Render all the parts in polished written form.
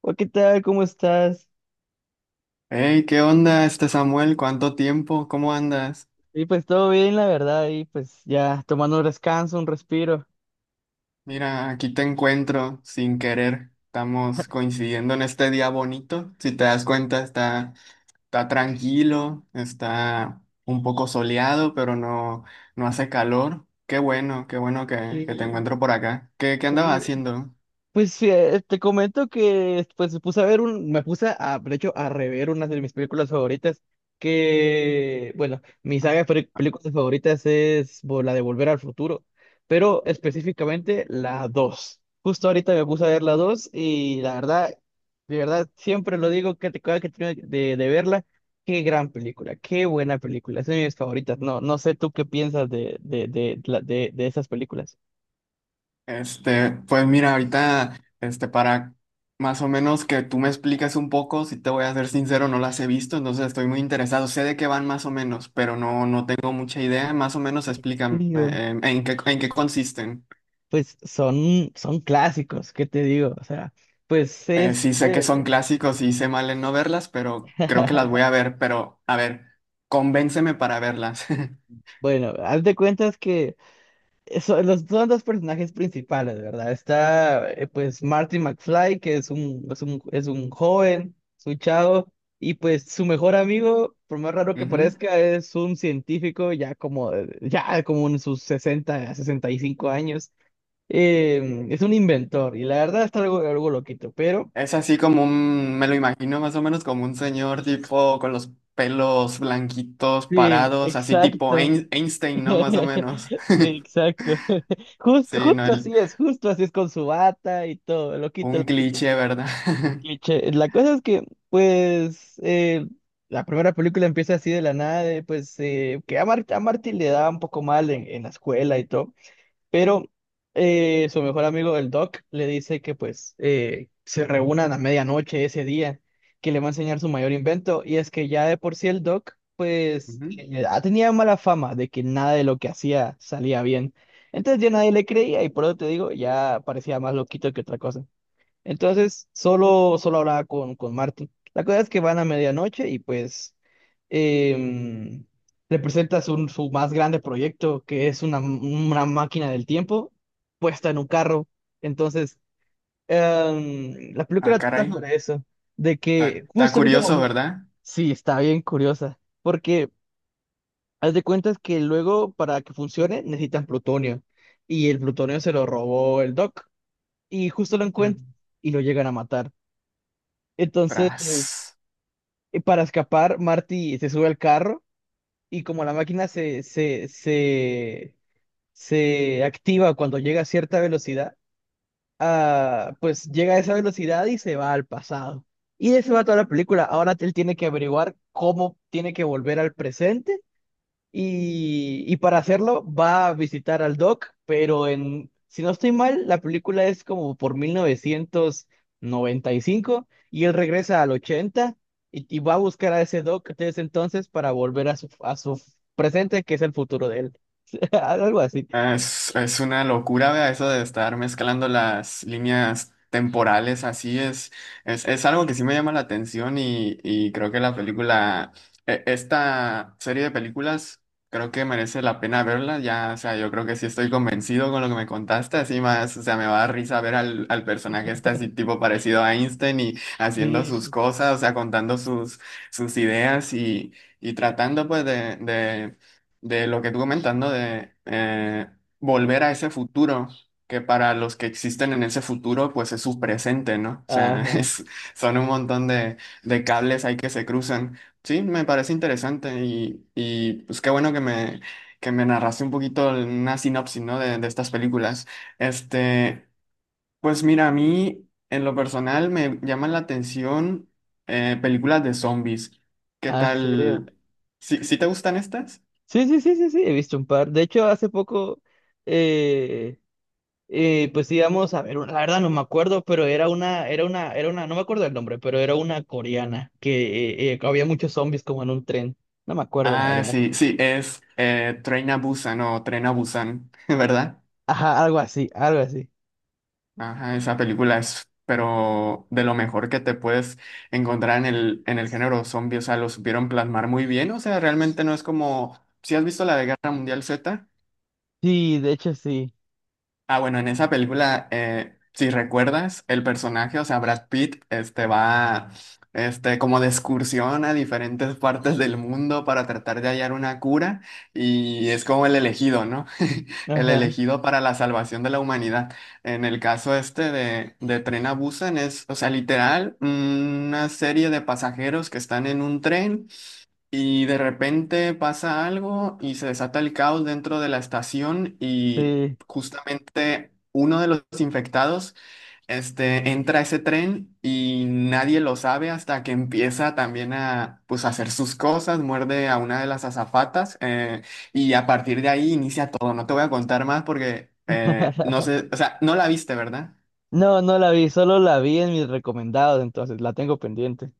Hola, ¿qué tal? ¿Cómo estás? Hey, ¿qué onda este Samuel? ¿Cuánto tiempo? ¿Cómo andas? Y pues todo bien, la verdad, y pues ya tomando un descanso, un respiro. Mira, aquí te encuentro sin querer. Estamos coincidiendo en este día bonito. Si te das cuenta, está tranquilo, está un poco soleado, pero no, no hace calor. Qué bueno que te Sí, encuentro por acá. ¿Qué andabas sí. haciendo? Pues sí, te comento que pues me puse a ver me puse a, de hecho, a rever una de mis películas favoritas, que, bueno, mi saga de películas favoritas es la de Volver al Futuro, pero específicamente la dos. Justo ahorita me puse a ver la 2 y la verdad, de verdad, siempre lo digo que te cada que termino de verla, qué gran película, qué buena película, es de mis favoritas. No, no sé tú qué piensas de, la- de esas películas. Este, pues mira, ahorita, este, para más o menos que tú me expliques un poco, si te voy a ser sincero, no las he visto, entonces estoy muy interesado. Sé de qué van más o menos, pero no, no tengo mucha idea. Más o menos ¿En explícame serio? En qué consisten. Pues son, son clásicos, ¿qué te digo? O sea, pues Eh, es sí sé que son de... clásicos y hice mal en no verlas, pero creo que las voy a ver, pero a ver, convénceme para verlas. Bueno, haz de cuentas que son son dos personajes principales, ¿verdad? Está pues Marty McFly, que es un joven, es un chavo, y pues su mejor amigo, por más raro que Ujú. parezca, es un científico ya como en sus sesenta 65 años. Es un inventor, y la verdad está algo, algo loquito, pero... Es así como me lo imagino más o menos como un señor tipo con los pelos blanquitos Sí, parados, así tipo exacto. Einstein, ¿no? Más o menos. Sí, exacto. Justo, Sí, no, justo así es con su bata y todo, loquito, un loquito. cliché, ¿verdad? Cliché. La cosa es que, pues, la primera película empieza así de la nada, de, pues, que a, a Marty le da un poco mal en la escuela y todo. Pero su mejor amigo, el Doc, le dice que pues se reúnan a medianoche ese día, que le va a enseñar su mayor invento. Y es que ya de por sí el Doc, pues Ujú. Tenía mala fama de que nada de lo que hacía salía bien. Entonces ya nadie le creía y por eso te digo, ya parecía más loquito que otra cosa. Entonces, solo, solo hablaba con Martin. La cosa es que van a medianoche y pues em, le presentas su más grande proyecto, que es una máquina del tiempo puesta en un carro. Entonces, la Ah, película trata caray. sobre eso, de Está que está justo en ese curioso, momento, ¿verdad? sí, está bien curiosa, porque haz de cuentas que luego para que funcione necesitan plutonio y el plutonio se lo robó el Doc y justo lo Ujú. encuentran y lo llegan a matar. Entonces, Tras. para escapar, Marty se sube al carro y como la máquina se activa cuando llega a cierta velocidad, pues llega a esa velocidad y se va al pasado. Y de eso va toda la película. Ahora él tiene que averiguar cómo tiene que volver al presente y para hacerlo va a visitar al Doc, pero en, si no estoy mal, la película es como por 1995 y él regresa al 80 y va a buscar a ese Doc desde entonces para volver a a su presente, que es el futuro de él. Algo así. Ah, es una locura, vea, eso de estar mezclando las líneas temporales, así es, es algo que sí me llama la atención y creo que la película, esta serie de películas, creo que merece la pena verla, ya, o sea, yo creo que sí estoy convencido con lo que me contaste, así más, o sea, me va a dar risa ver al personaje este así tipo parecido a Einstein y haciendo sus Sí. cosas, o sea, contando sus ideas y tratando pues de lo que tú comentas, ¿no? De volver a ese futuro, que para los que existen en ese futuro, pues es su presente, ¿no? O sea, Ajá. Son un montón de cables ahí que se cruzan. Sí, me parece interesante y pues qué bueno que me, narraste un poquito una sinopsis, ¿no? De estas películas. Este, pues mira, a mí en lo personal me llaman la atención películas de zombies. ¿Qué Ah, ¿en serio? tal? ¿Sí, sí te gustan estas? Sí, sí, sí, sí, sí, he visto un par. De hecho, hace poco, eh, pues íbamos a ver, la verdad no me acuerdo, pero era una, no me acuerdo el nombre, pero era una coreana que había muchos zombies como en un tren. No me acuerdo, la Ah, verdad. sí, sí, es Train a Busan o Tren a Busan, ¿verdad? Ajá, algo así, algo así. Ajá, esa película es, pero de lo mejor que te puedes encontrar en el género zombie, o sea, lo supieron plasmar muy bien, o sea, realmente no es como, ¿si has visto la de Guerra Mundial Z? Sí, de hecho sí. Ah, bueno, en esa película, si recuerdas, el personaje, o sea, Brad Pitt, este va, este, como de excursión a diferentes partes del mundo para tratar de hallar una cura y es como el elegido, ¿no? El Ajá, elegido para la salvación de la humanidad. En el caso este de Tren a Busan es, o sea, literal, una serie de pasajeros que están en un tren y de repente pasa algo y se desata el caos dentro de la estación y sí. justamente uno de los infectados, este, entra a ese tren y nadie lo sabe hasta que empieza también a, pues, hacer sus cosas, muerde a una de las azafatas y a partir de ahí inicia todo. No te voy a contar más porque no sé, o sea, no la viste, ¿verdad? No, no la vi, solo la vi en mis recomendados, entonces la tengo pendiente.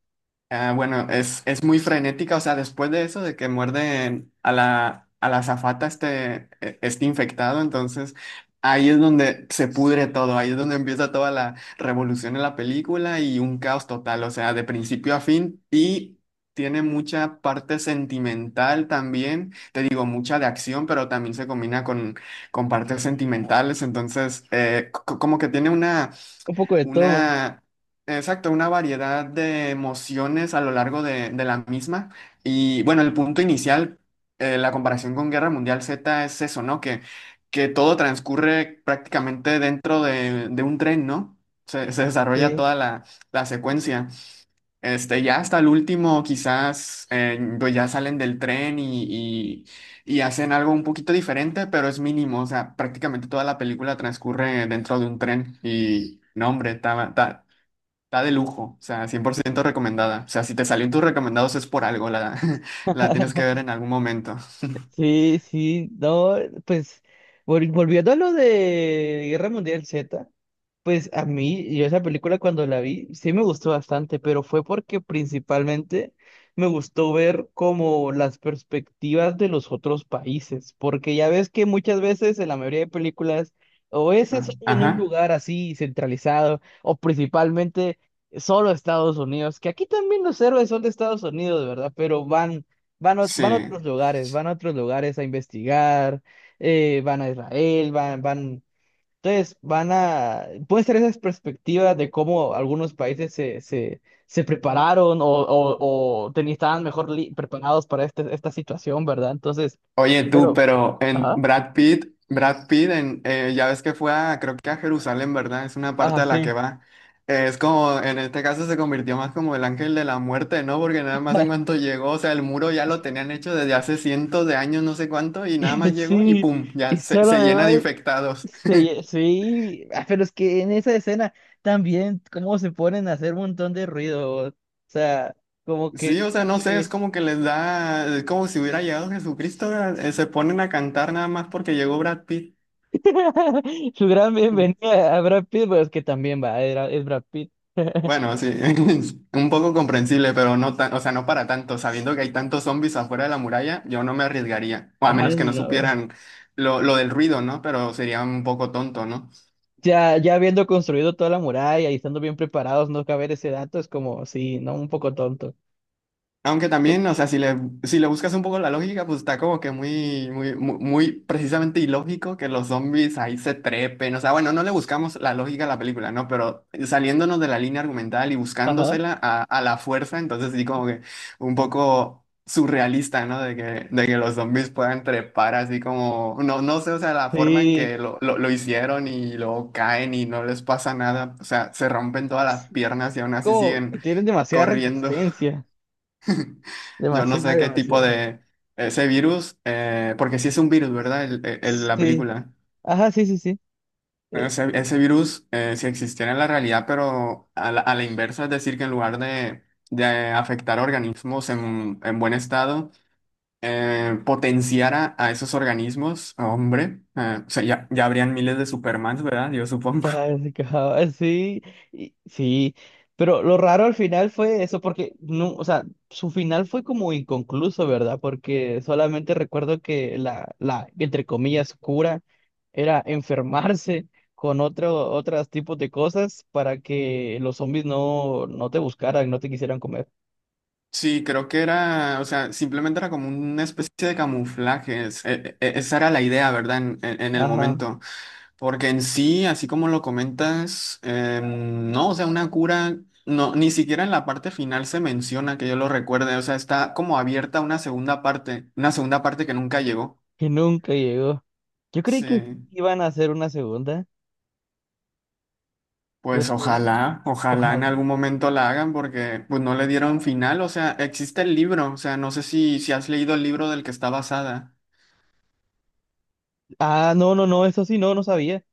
Ah, bueno, es muy frenética, o sea, después de eso, de que muerde a la, azafata este, este infectado, entonces ahí es donde se pudre todo, ahí es donde empieza toda la revolución en la película y un caos total, o sea, de principio a fin y tiene mucha parte sentimental también, te digo, mucha de acción, pero también se combina con partes sentimentales, entonces como que tiene Un poco de todo. una, exacto, una variedad de emociones a lo largo de la misma. Y bueno, el punto inicial, la comparación con Guerra Mundial Z es eso, ¿no? Que todo transcurre prácticamente dentro de un tren, ¿no? Se desarrolla Sí, toda la secuencia. Este, ya hasta el último, quizás, pues ya salen del tren y hacen algo un poquito diferente, pero es mínimo. O sea, prácticamente toda la película transcurre dentro de un tren. Y no, hombre, está de lujo. O sea, 100% recomendada. O sea, si te salió en tus recomendados es por algo. La, la tienes que ver en algún momento. sí, sí. No, pues volviendo a lo de Guerra Mundial Z. Pues a mí, yo esa película cuando la vi, sí me gustó bastante, pero fue porque principalmente me gustó ver como las perspectivas de los otros países, porque ya ves que muchas veces en la mayoría de películas o es Ah, eso en un ajá. lugar así centralizado, o principalmente solo Estados Unidos, que aquí también los héroes son de Estados Unidos, ¿verdad? Pero Sí. van a otros lugares, van a otros lugares a investigar, van a Israel, van, van. Entonces, van a, pueden ser esas perspectivas de cómo algunos países se prepararon o estaban mejor preparados para este, esta situación, ¿verdad? Entonces, Oye, tú, pero, pero en ajá, Brad Pitt, Brad Pitt, en, ya ves que fue creo que a Jerusalén, ¿verdad? Es una parte ajá, a la sí, que va. Es como, en este caso se convirtió más como el ángel de la muerte, ¿no? Porque nada más en cuanto llegó, o sea, el muro ya lo tenían hecho desde hace cientos de años, no sé cuánto, y nada más llegó y sí, pum, ya y se, solo se de llena de ver, infectados. sí, sí, ah, pero es que en esa escena también, cómo se ponen a hacer un montón de ruido, o sea, como que, Sí, o sea, no sé, es sí. como que les da, es como si hubiera llegado Jesucristo, ¿verdad? Se ponen a cantar nada más porque llegó Brad Pitt. Su gran bienvenida a Brad Pitt, pues que también va, era, es Brad Pitt. Bueno, sí, es un poco comprensible, pero no tan, o sea, no para tanto. Sabiendo que hay tantos zombies afuera de la muralla, yo no me arriesgaría. O a Ah, no, menos que no no. supieran lo del ruido, ¿no? Pero sería un poco tonto, ¿no? Ya, ya habiendo construido toda la muralla y estando bien preparados, no caber ese dato es como, sí, no, un poco tonto. Aunque también, o sea, si le, buscas un poco la lógica, pues está como que muy, muy, muy, muy precisamente ilógico que los zombies ahí se trepen. O sea, bueno, no le buscamos la lógica a la película, ¿no? Pero saliéndonos de la línea argumental y Ajá. buscándosela a la fuerza, entonces sí como que un poco surrealista, ¿no? De que los zombies puedan trepar así como, no, no sé, o sea, la forma en Sí, que lo hicieron y luego caen y no les pasa nada. O sea, se rompen todas las piernas y aún así como que siguen tienen demasiada corriendo. resistencia. Yo no Demasiada, sé qué tipo demasiada. de ese virus, porque sí es un virus, ¿verdad? La Sí. película. Ajá, sí, sí, sí. Ese virus, si existiera en la realidad, pero a la, inversa, es decir, que en lugar de, afectar organismos en buen estado, potenciara a esos organismos, hombre, o sea, ya, ya habrían miles de Supermans, ¿verdad? Yo supongo. Casi, casi, sí, y- sí, pero lo raro al final fue eso, porque no, o sea, su final fue como inconcluso, ¿verdad? Porque solamente recuerdo que entre comillas, cura era enfermarse con otro, otros tipos de cosas para que los zombies no, no te buscaran, no te quisieran comer. Sí, creo que era, o sea, simplemente era como una especie de camuflajes. Esa era la idea, ¿verdad? En el Ajá, momento. Porque en sí, así como lo comentas, no, o sea, una cura, no, ni siquiera en la parte final se menciona que yo lo recuerde, o sea, está como abierta una segunda parte que nunca llegó. que nunca llegó. Yo creí que sí Sí, iban a hacer una segunda, pues pero ojalá, ojalá en ojalá. algún momento la hagan porque pues no le dieron final, o sea, existe el libro, o sea, no sé si, si has leído el libro del que está basada. Ah, no, no, no, eso sí, no, no sabía.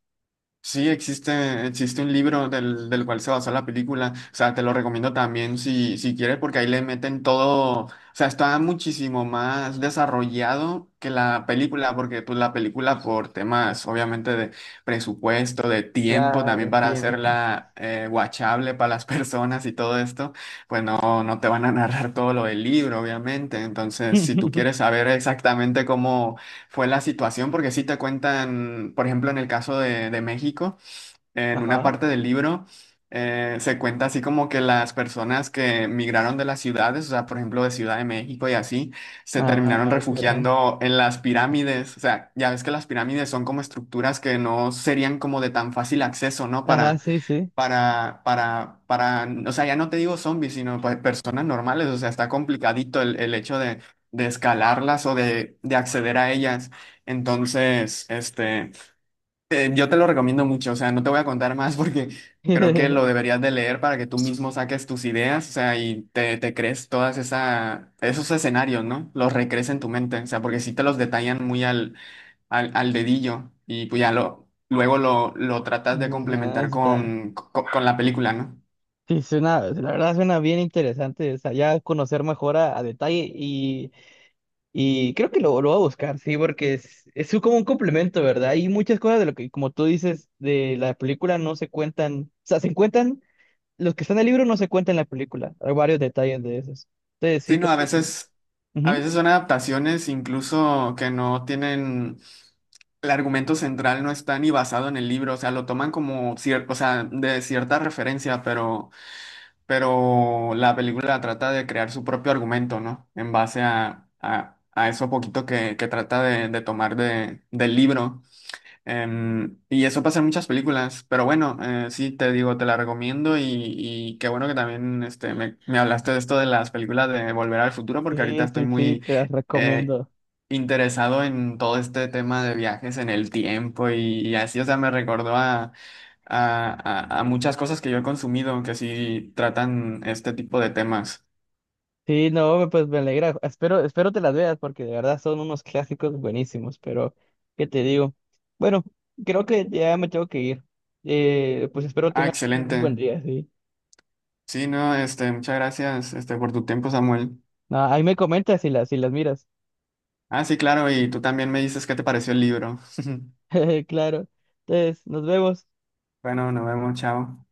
Sí, existe, existe un libro del cual se basó la película. O sea, te lo recomiendo también si, si quieres, porque ahí le meten todo. O sea, está muchísimo más desarrollado que la película, porque pues la película por temas, obviamente, de presupuesto, de tiempo, también Claro, para tiempo. hacerla watchable para las personas y todo esto, pues no, no te van a narrar todo lo del libro, obviamente. Entonces, si tú quieres saber exactamente cómo fue la situación, porque sí te cuentan, por ejemplo, en el caso de, México, en una Ajá. parte del libro, se cuenta así como que las personas que migraron de las ciudades, o sea, por ejemplo, de Ciudad de México y así, se terminaron Ah, caray. refugiando en las pirámides. O sea, ya ves que las pirámides son como estructuras que no serían como de tan fácil acceso, ¿no? Ajá, sí, sí. Para o sea, ya no te digo zombies, sino pues personas normales, o sea, está complicadito el hecho de, escalarlas o de acceder a ellas. Entonces, este, yo te lo recomiendo mucho, o sea, no te voy a contar más porque creo que lo deberías de leer para que tú mismo saques tus ideas, o sea, y te crees todas esos escenarios, ¿no? Los recrees en tu mente, o sea, porque sí te los detallan muy al dedillo y pues ya luego lo tratas de Ah, complementar está. con la película, ¿no? Sí, suena, la verdad suena bien interesante. O sea, ya conocer mejor a detalle y creo que lo voy a buscar, sí, porque es como un complemento, ¿verdad? Hay muchas cosas de lo que, como tú dices, de la película no se cuentan. O sea, se cuentan, los que están en el libro no se cuentan en la película. Hay varios detalles de esos. Entonces, sí, Sí, no, creo que sí. A Ujú. veces son adaptaciones incluso que no tienen, el argumento central no está ni basado en el libro, o sea, lo toman como cierto, o sea, de cierta referencia, pero la película trata de crear su propio argumento, ¿no? En base a eso poquito que trata de tomar del libro. Y eso pasa en muchas películas, pero bueno, sí, te digo, te la recomiendo y qué bueno que también este, me hablaste de esto de las películas de Volver al Futuro, porque ahorita Sí, estoy sí, sí, muy te las eh, recomiendo. interesado en todo este tema de viajes en el tiempo y así, o sea, me recordó a muchas cosas que yo he consumido que sí tratan este tipo de temas. Sí, no, pues me alegra. Espero, espero te las veas porque de verdad son unos clásicos buenísimos, pero ¿qué te digo? Bueno, creo que ya me tengo que ir. Pues espero Ah, tengas un excelente. buen día, sí. Sí, no, este, muchas gracias, este, por tu tiempo, Samuel. Ah, ahí me comentas si si las miras. Ah, sí, claro, y tú también me dices qué te pareció el libro. Claro. Entonces, nos vemos. Bueno, nos vemos, chao.